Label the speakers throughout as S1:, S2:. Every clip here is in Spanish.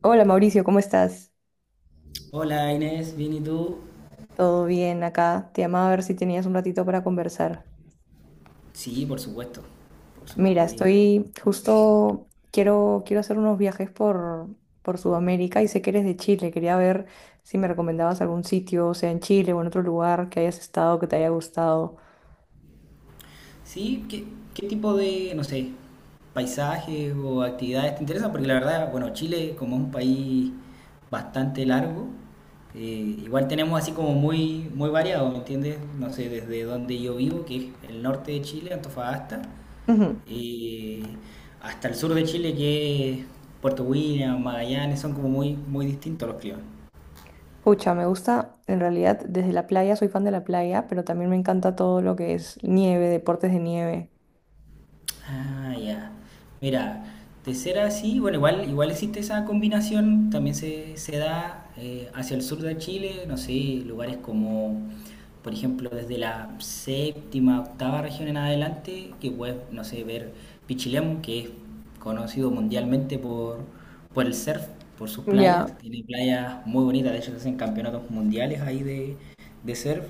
S1: Hola Mauricio, ¿cómo estás?
S2: Hola Inés, ¿bien y tú?
S1: ¿Todo bien acá? Te llamaba a ver si tenías un ratito para conversar.
S2: Sí, por supuesto
S1: Mira,
S2: aquí.
S1: estoy justo, quiero hacer unos viajes por Sudamérica y sé que eres de Chile. Quería ver si me recomendabas algún sitio, sea en Chile o en otro lugar que hayas estado, que te haya gustado.
S2: Sí, ¿qué tipo de, no sé, paisajes o actividades te interesan? Porque la verdad, bueno, Chile como es un país bastante largo, eh, igual tenemos así como muy, muy variado, ¿me entiendes? No sé, desde donde yo vivo, que es el norte de Chile, Antofagasta,
S1: Ujú.
S2: eh, hasta el sur de Chile, que es Puerto William, Magallanes, son como muy, muy distintos los climas.
S1: Pucha, me gusta, en realidad, desde la playa, soy fan de la playa, pero también me encanta todo lo que es nieve, deportes de nieve.
S2: Ah, ya. Mira, de ser así, bueno, igual existe esa combinación, también se da hacia el sur de Chile, no sé, lugares como, por ejemplo, desde la séptima, octava región en adelante, que puedes, no sé, ver Pichilemu, que es conocido mundialmente por el surf, por sus
S1: Ya,
S2: playas, tiene playas muy bonitas. De hecho, se hacen campeonatos mundiales ahí de surf,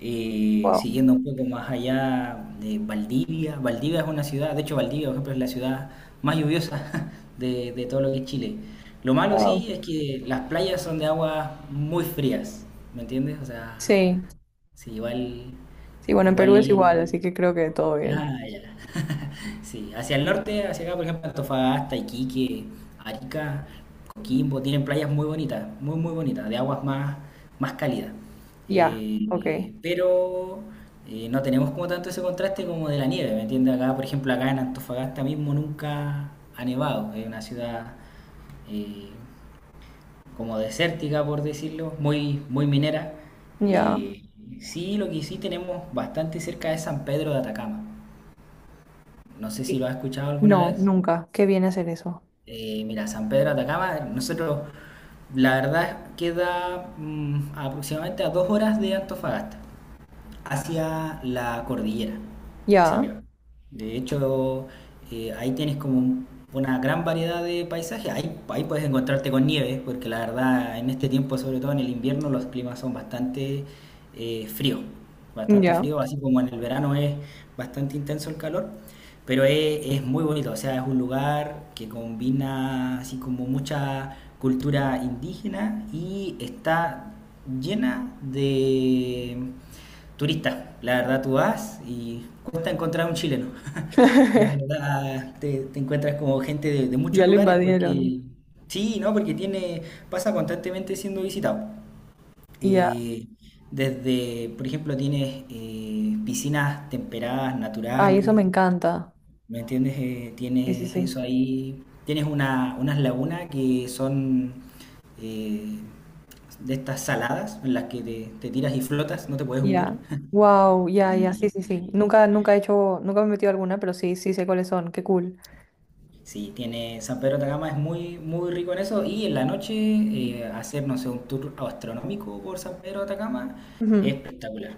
S1: wow,
S2: siguiendo un poco más allá de Valdivia. Valdivia es una ciudad, de hecho Valdivia, por ejemplo, es la ciudad más lluviosa de todo lo que es Chile. Lo malo
S1: wow.
S2: sí es que las playas son de aguas muy frías, ¿me entiendes? O sea,
S1: Sí,
S2: sí, igual,
S1: sí, bueno, en Perú
S2: igual...
S1: es igual,
S2: y-
S1: así que creo que todo bien.
S2: Ah, ya. Sí, hacia el norte, hacia acá, por ejemplo, Antofagasta, Iquique, Arica, Coquimbo, tienen playas muy bonitas, muy, muy bonitas, de aguas más cálidas.
S1: Ya, ok,
S2: Pero no tenemos como tanto ese contraste como de la nieve, ¿me entiendes? Acá, por ejemplo, acá en Antofagasta mismo nunca ha nevado, es una ciudad, eh, como desértica, por decirlo, muy, muy minera.
S1: ya.
S2: Eh, sí, lo que sí tenemos bastante cerca es San Pedro de Atacama. No sé si lo
S1: Y-
S2: has escuchado alguna
S1: No,
S2: vez.
S1: nunca. Qué viene a ser eso.
S2: Mira, San Pedro de Atacama, nosotros, la verdad, queda aproximadamente a 2 horas de Antofagasta, hacia la cordillera, hacia
S1: Ya,
S2: arriba. De hecho, ahí tienes como una gran variedad de paisajes. Ahí puedes encontrarte con nieve, porque la verdad, en este tiempo, sobre todo en el invierno, los climas son bastante fríos. Bastante
S1: ya.
S2: frío, así como en el verano es bastante intenso el calor. Pero es muy bonito. O sea, es un lugar que combina así como mucha cultura indígena y está llena de turista. La verdad, tú vas y cuesta encontrar un chileno. La verdad, te encuentras como gente de, muchos
S1: Ya lo
S2: lugares
S1: invadieron.
S2: porque, sí, ¿no? Porque tiene, pasa constantemente siendo visitado.
S1: Ya.
S2: Eh, Desde, por ejemplo, tienes piscinas temperadas,
S1: Ay, eso
S2: naturales,
S1: me encanta.
S2: ¿me entiendes?
S1: Sí, sí,
S2: Tienes
S1: sí.
S2: eso ahí, tienes unas lagunas que son eh, de estas saladas en las que te tiras y flotas, no te puedes hundir.
S1: Ya. Wow, ya, ya,
S2: Y
S1: sí, sí, sí. Nunca, nunca he hecho, nunca me he metido a alguna, pero sí, sí sé cuáles son. Qué cool.
S2: Sí, tiene. San Pedro de Atacama es muy, muy rico en eso, y en la noche hacer, no sé, un tour astronómico por San Pedro de Atacama es
S1: Ujú.
S2: espectacular,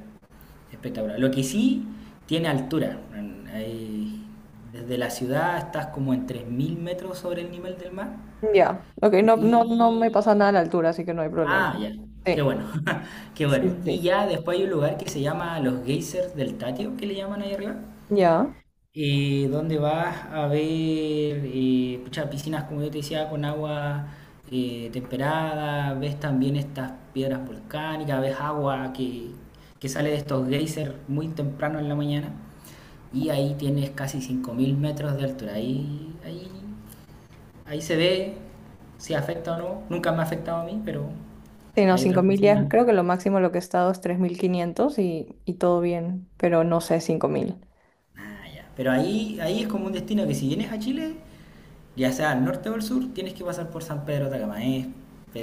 S2: espectacular. Lo que sí tiene altura. Ahí, desde la ciudad estás como en 3000 metros sobre el nivel del mar
S1: Ya. Ok, no, no, no me
S2: y...
S1: pasa nada a la altura, así que no hay problema.
S2: Ah, ya, qué
S1: Sí,
S2: bueno, qué
S1: sí,
S2: bueno.
S1: sí,
S2: Y
S1: sí.
S2: ya después hay un lugar que se llama los geysers del Tatio, que le llaman ahí arriba,
S1: Ya.
S2: donde vas a ver, pucha, piscinas, como yo te decía, con agua temperada, ves también estas piedras volcánicas, ves agua que sale de estos geysers muy temprano en la mañana, y ahí tienes casi 5000 metros de altura. Ahí se ve si afecta o no. Nunca me ha afectado a mí, pero
S1: Sí, no,
S2: hay otras
S1: 5.000 ya,
S2: personas.
S1: creo que lo máximo lo que he estado es 3.500 y todo bien, pero no sé, 5.000.
S2: Ah, ya. Pero ahí es como un destino que, si vienes a Chile, ya sea al norte o al sur, tienes que pasar por San Pedro de Atacamaes,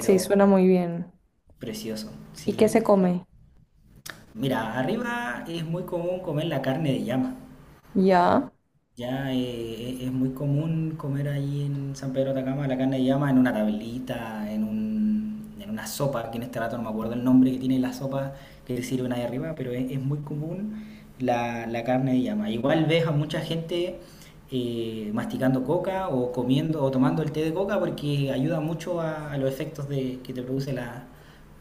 S1: Sí, suena muy bien.
S2: precioso.
S1: ¿Y qué
S2: Sí,
S1: se come?
S2: mira, arriba es muy común comer la carne de llama.
S1: Ya,
S2: Ya, es muy común comer ahí en San Pedro de Atacama la carne de llama en una tablita, en una sopa, que en este rato no me acuerdo el nombre que tiene la sopa que te sirven ahí arriba, pero es muy común la carne de llama. Igual ves a mucha gente masticando coca o comiendo o tomando el té de coca porque ayuda mucho a los efectos de, que te produce la,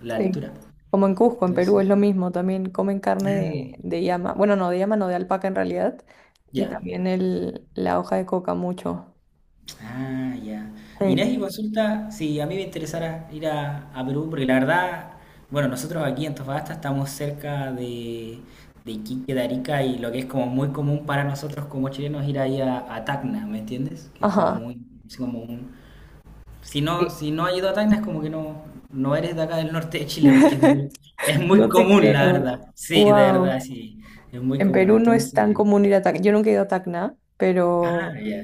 S2: la
S1: sí.
S2: altura.
S1: Como en Cusco, en Perú, es
S2: Entonces,
S1: lo mismo. También comen carne
S2: ah,
S1: de llama. Bueno, no, de llama, no, de alpaca en realidad. Y
S2: ya.
S1: también la hoja de coca mucho.
S2: Ah, ya.
S1: Sí.
S2: Inés, y consulta si a mí me interesara ir a Perú, porque la verdad, bueno, nosotros aquí en Antofagasta estamos cerca de Iquique, de Arica, y lo que es como muy común para nosotros como chilenos ir ahí a Tacna, ¿me entiendes? Que es como
S1: Ajá.
S2: muy, es como un. Si no,
S1: Sí.
S2: si no has ido a Tacna, es como que no, no eres de acá del norte de Chile, porque es muy
S1: No te
S2: común, la
S1: creo.
S2: verdad. Sí, de verdad,
S1: Wow.
S2: sí, es muy
S1: En
S2: común.
S1: Perú no es
S2: Entonces,
S1: tan común ir a Tacna. Yo nunca he ido a Tacna,
S2: ah,
S1: pero.
S2: ya,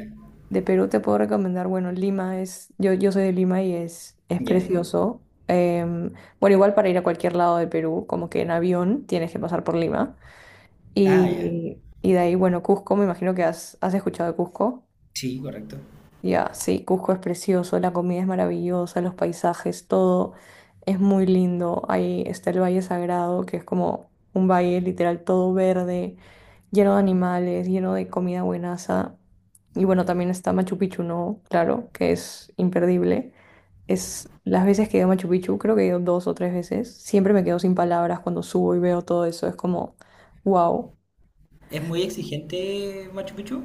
S1: De Perú te puedo recomendar, bueno, Lima es, yo soy de Lima y es
S2: ya.
S1: precioso. Em, bueno, igual para ir a cualquier lado de Perú, como que en avión tienes que pasar por Lima.
S2: Ah, ya.
S1: Y de ahí, bueno, Cusco, me imagino que has escuchado de Cusco.
S2: Sí, correcto.
S1: Ya, sí, Cusco es precioso, la comida es maravillosa, los paisajes, todo es muy lindo. Ahí está el Valle Sagrado, que es como un valle literal todo verde, lleno de animales, lleno de comida buenaza. Y bueno, también está Machu Picchu, ¿no? Claro, que es imperdible. Es las veces que he ido a Machu Picchu, creo que he ido dos o tres veces, siempre me quedo sin palabras cuando subo y veo todo eso, es como, wow.
S2: ¿Es muy exigente Machu Picchu?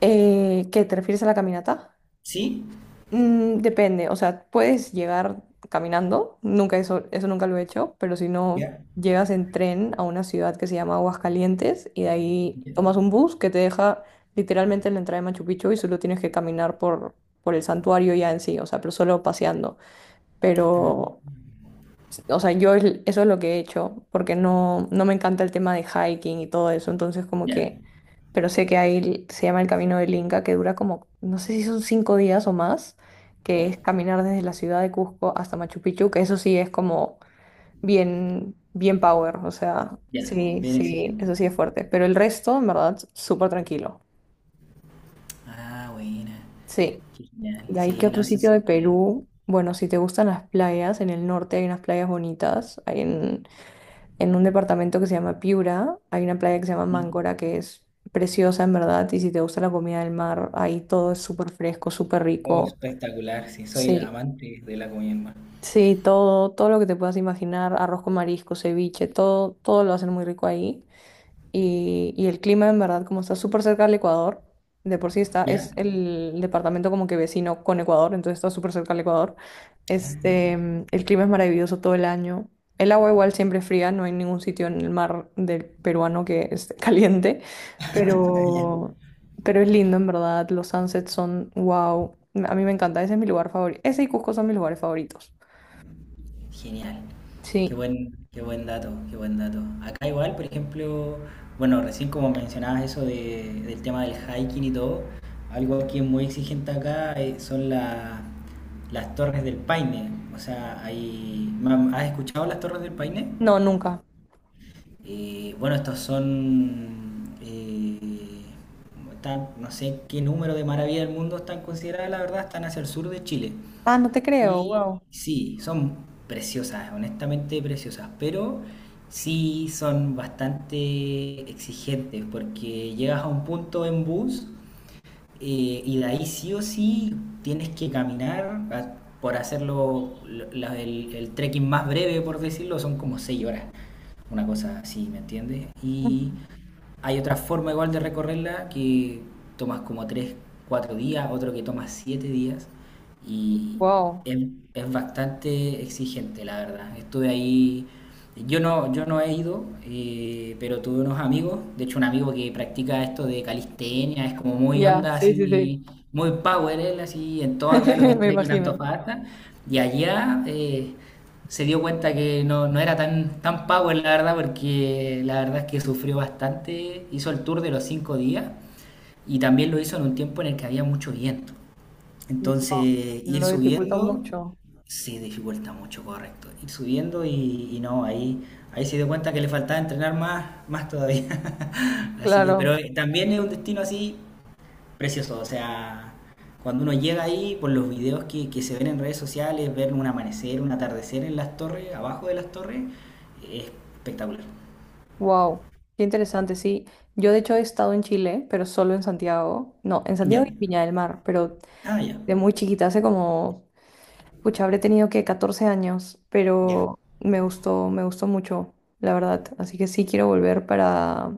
S1: ¿Qué te refieres a la caminata?
S2: ¿Sí?
S1: Depende, o sea, puedes llegar caminando, nunca eso, eso nunca lo he hecho, pero si no,
S2: Ya,
S1: llegas en tren a una ciudad que se llama Aguascalientes y de ahí
S2: ya.
S1: tomas un bus que te deja literalmente en la entrada de Machu Picchu y solo tienes que caminar por el santuario ya en sí, o sea, pero solo paseando. Pero
S2: Ah,
S1: o sea, yo eso es lo que he hecho, porque no, no me encanta el tema de hiking y todo eso, entonces como
S2: ya.
S1: que, pero sé que ahí se llama el Camino del Inca, que dura como, no sé si son 5 días o más, que
S2: Oh,
S1: es caminar desde la ciudad de Cusco hasta Machu Picchu, que eso sí es como bien, bien power, o sea,
S2: ya.
S1: sí,
S2: Bien
S1: sí,
S2: exigente.
S1: eso sí es fuerte, pero el resto, en verdad, súper tranquilo.
S2: Ah, buena.
S1: Sí,
S2: Qué genial.
S1: de ahí que
S2: Sí,
S1: otro
S2: no, sí,
S1: sitio de
S2: sí.
S1: Perú, bueno, si te gustan las playas, en el norte hay unas playas bonitas, hay en un departamento que se llama Piura. Hay una playa que se llama
S2: Ya.
S1: Máncora que es preciosa en verdad y si te gusta la comida del mar, ahí todo es súper fresco, súper
S2: Oh,
S1: rico.
S2: espectacular, sí, soy
S1: Sí,
S2: amante de la comida en mar.
S1: sí, todo, todo lo que te puedas imaginar, arroz con marisco, ceviche, todo, todo lo hacen muy rico ahí. Y el clima, en verdad, como está súper cerca del Ecuador, de por sí es
S2: Ya.
S1: el departamento como que vecino con Ecuador, entonces está súper cerca del Ecuador. Este, el clima es maravilloso todo el año. El agua igual siempre es fría, no hay ningún sitio en el mar del peruano que esté caliente,
S2: Ya.
S1: pero, pero es lindo, en verdad. Los sunsets son wow. A mí me encanta, ese es mi lugar favorito. Ese y Cusco son mis lugares favoritos.
S2: Genial. Qué
S1: Sí,
S2: buen, qué buen dato, qué buen dato. Acá igual, por ejemplo, bueno, recién como mencionabas eso del tema del hiking y todo, algo que es muy exigente acá, son las torres del Paine. O sea, hay, ¿has escuchado las torres del Paine?
S1: no, nunca.
S2: Bueno, estos son, no sé qué número de maravillas del mundo están consideradas, la verdad, están hacia el sur de Chile.
S1: Ah, no te creo,
S2: Y
S1: wow.
S2: sí, son preciosas, honestamente preciosas, pero sí son bastante exigentes porque llegas a un punto en bus, y de ahí sí o sí tienes que caminar, a- por hacerlo, el trekking más breve, por decirlo, son como 6 horas, una cosa así, ¿me entiendes?
S1: Ujú.
S2: Hay otra forma igual de recorrerla, que tomas como 3, 4 días, otro que toma 7 días, y
S1: Wow,
S2: es, es bastante exigente, la verdad. Estuve ahí, yo no, yo no he ido, pero tuve unos amigos, de hecho un amigo que practica esto de calistenia, es como muy
S1: ya,
S2: onda
S1: sí, sí, sí.
S2: así, muy power él, así en todo acá lo que es
S1: Me
S2: trekking
S1: imagino.
S2: Antofagasta, y allá, se dio cuenta que no, no era tan, tan power, la verdad, porque la verdad es que sufrió bastante. Hizo el tour de los 5 días y también lo hizo en un tiempo en el que había mucho viento. Entonces,
S1: Wow.
S2: ir
S1: Lo dificulta
S2: subiendo
S1: mucho.
S2: se dificulta mucho, correcto. Ir subiendo y no, ahí se dio cuenta que le faltaba entrenar más, más todavía. Así que, pero
S1: Claro.
S2: también es un destino así precioso. O sea, cuando uno llega ahí, por los videos que, se ven en redes sociales, ver un amanecer, un atardecer en las torres, abajo de las torres, es espectacular.
S1: Wow. Qué interesante, sí. Yo de hecho he estado en Chile, pero solo en Santiago. No, en Santiago
S2: Ya.
S1: y Viña del Mar, pero
S2: Ah, ya.
S1: de muy chiquita, hace como, pucha, habré tenido que 14 años,
S2: Ya.
S1: pero me gustó mucho, la verdad. Así que sí quiero volver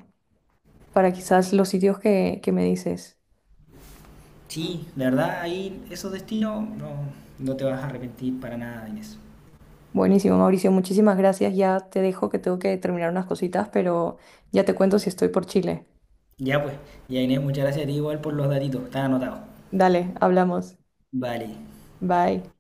S1: para quizás los sitios que me dices.
S2: Sí, de verdad, ahí esos destinos no, no te vas a arrepentir para nada, Inés.
S1: Buenísimo, Mauricio, muchísimas gracias. Ya te dejo que tengo que terminar unas cositas, pero ya te cuento si estoy por Chile.
S2: Ya, pues, ya, Inés, muchas gracias a ti igual por los datitos, están anotados.
S1: Dale, hablamos.
S2: Vale.
S1: Bye.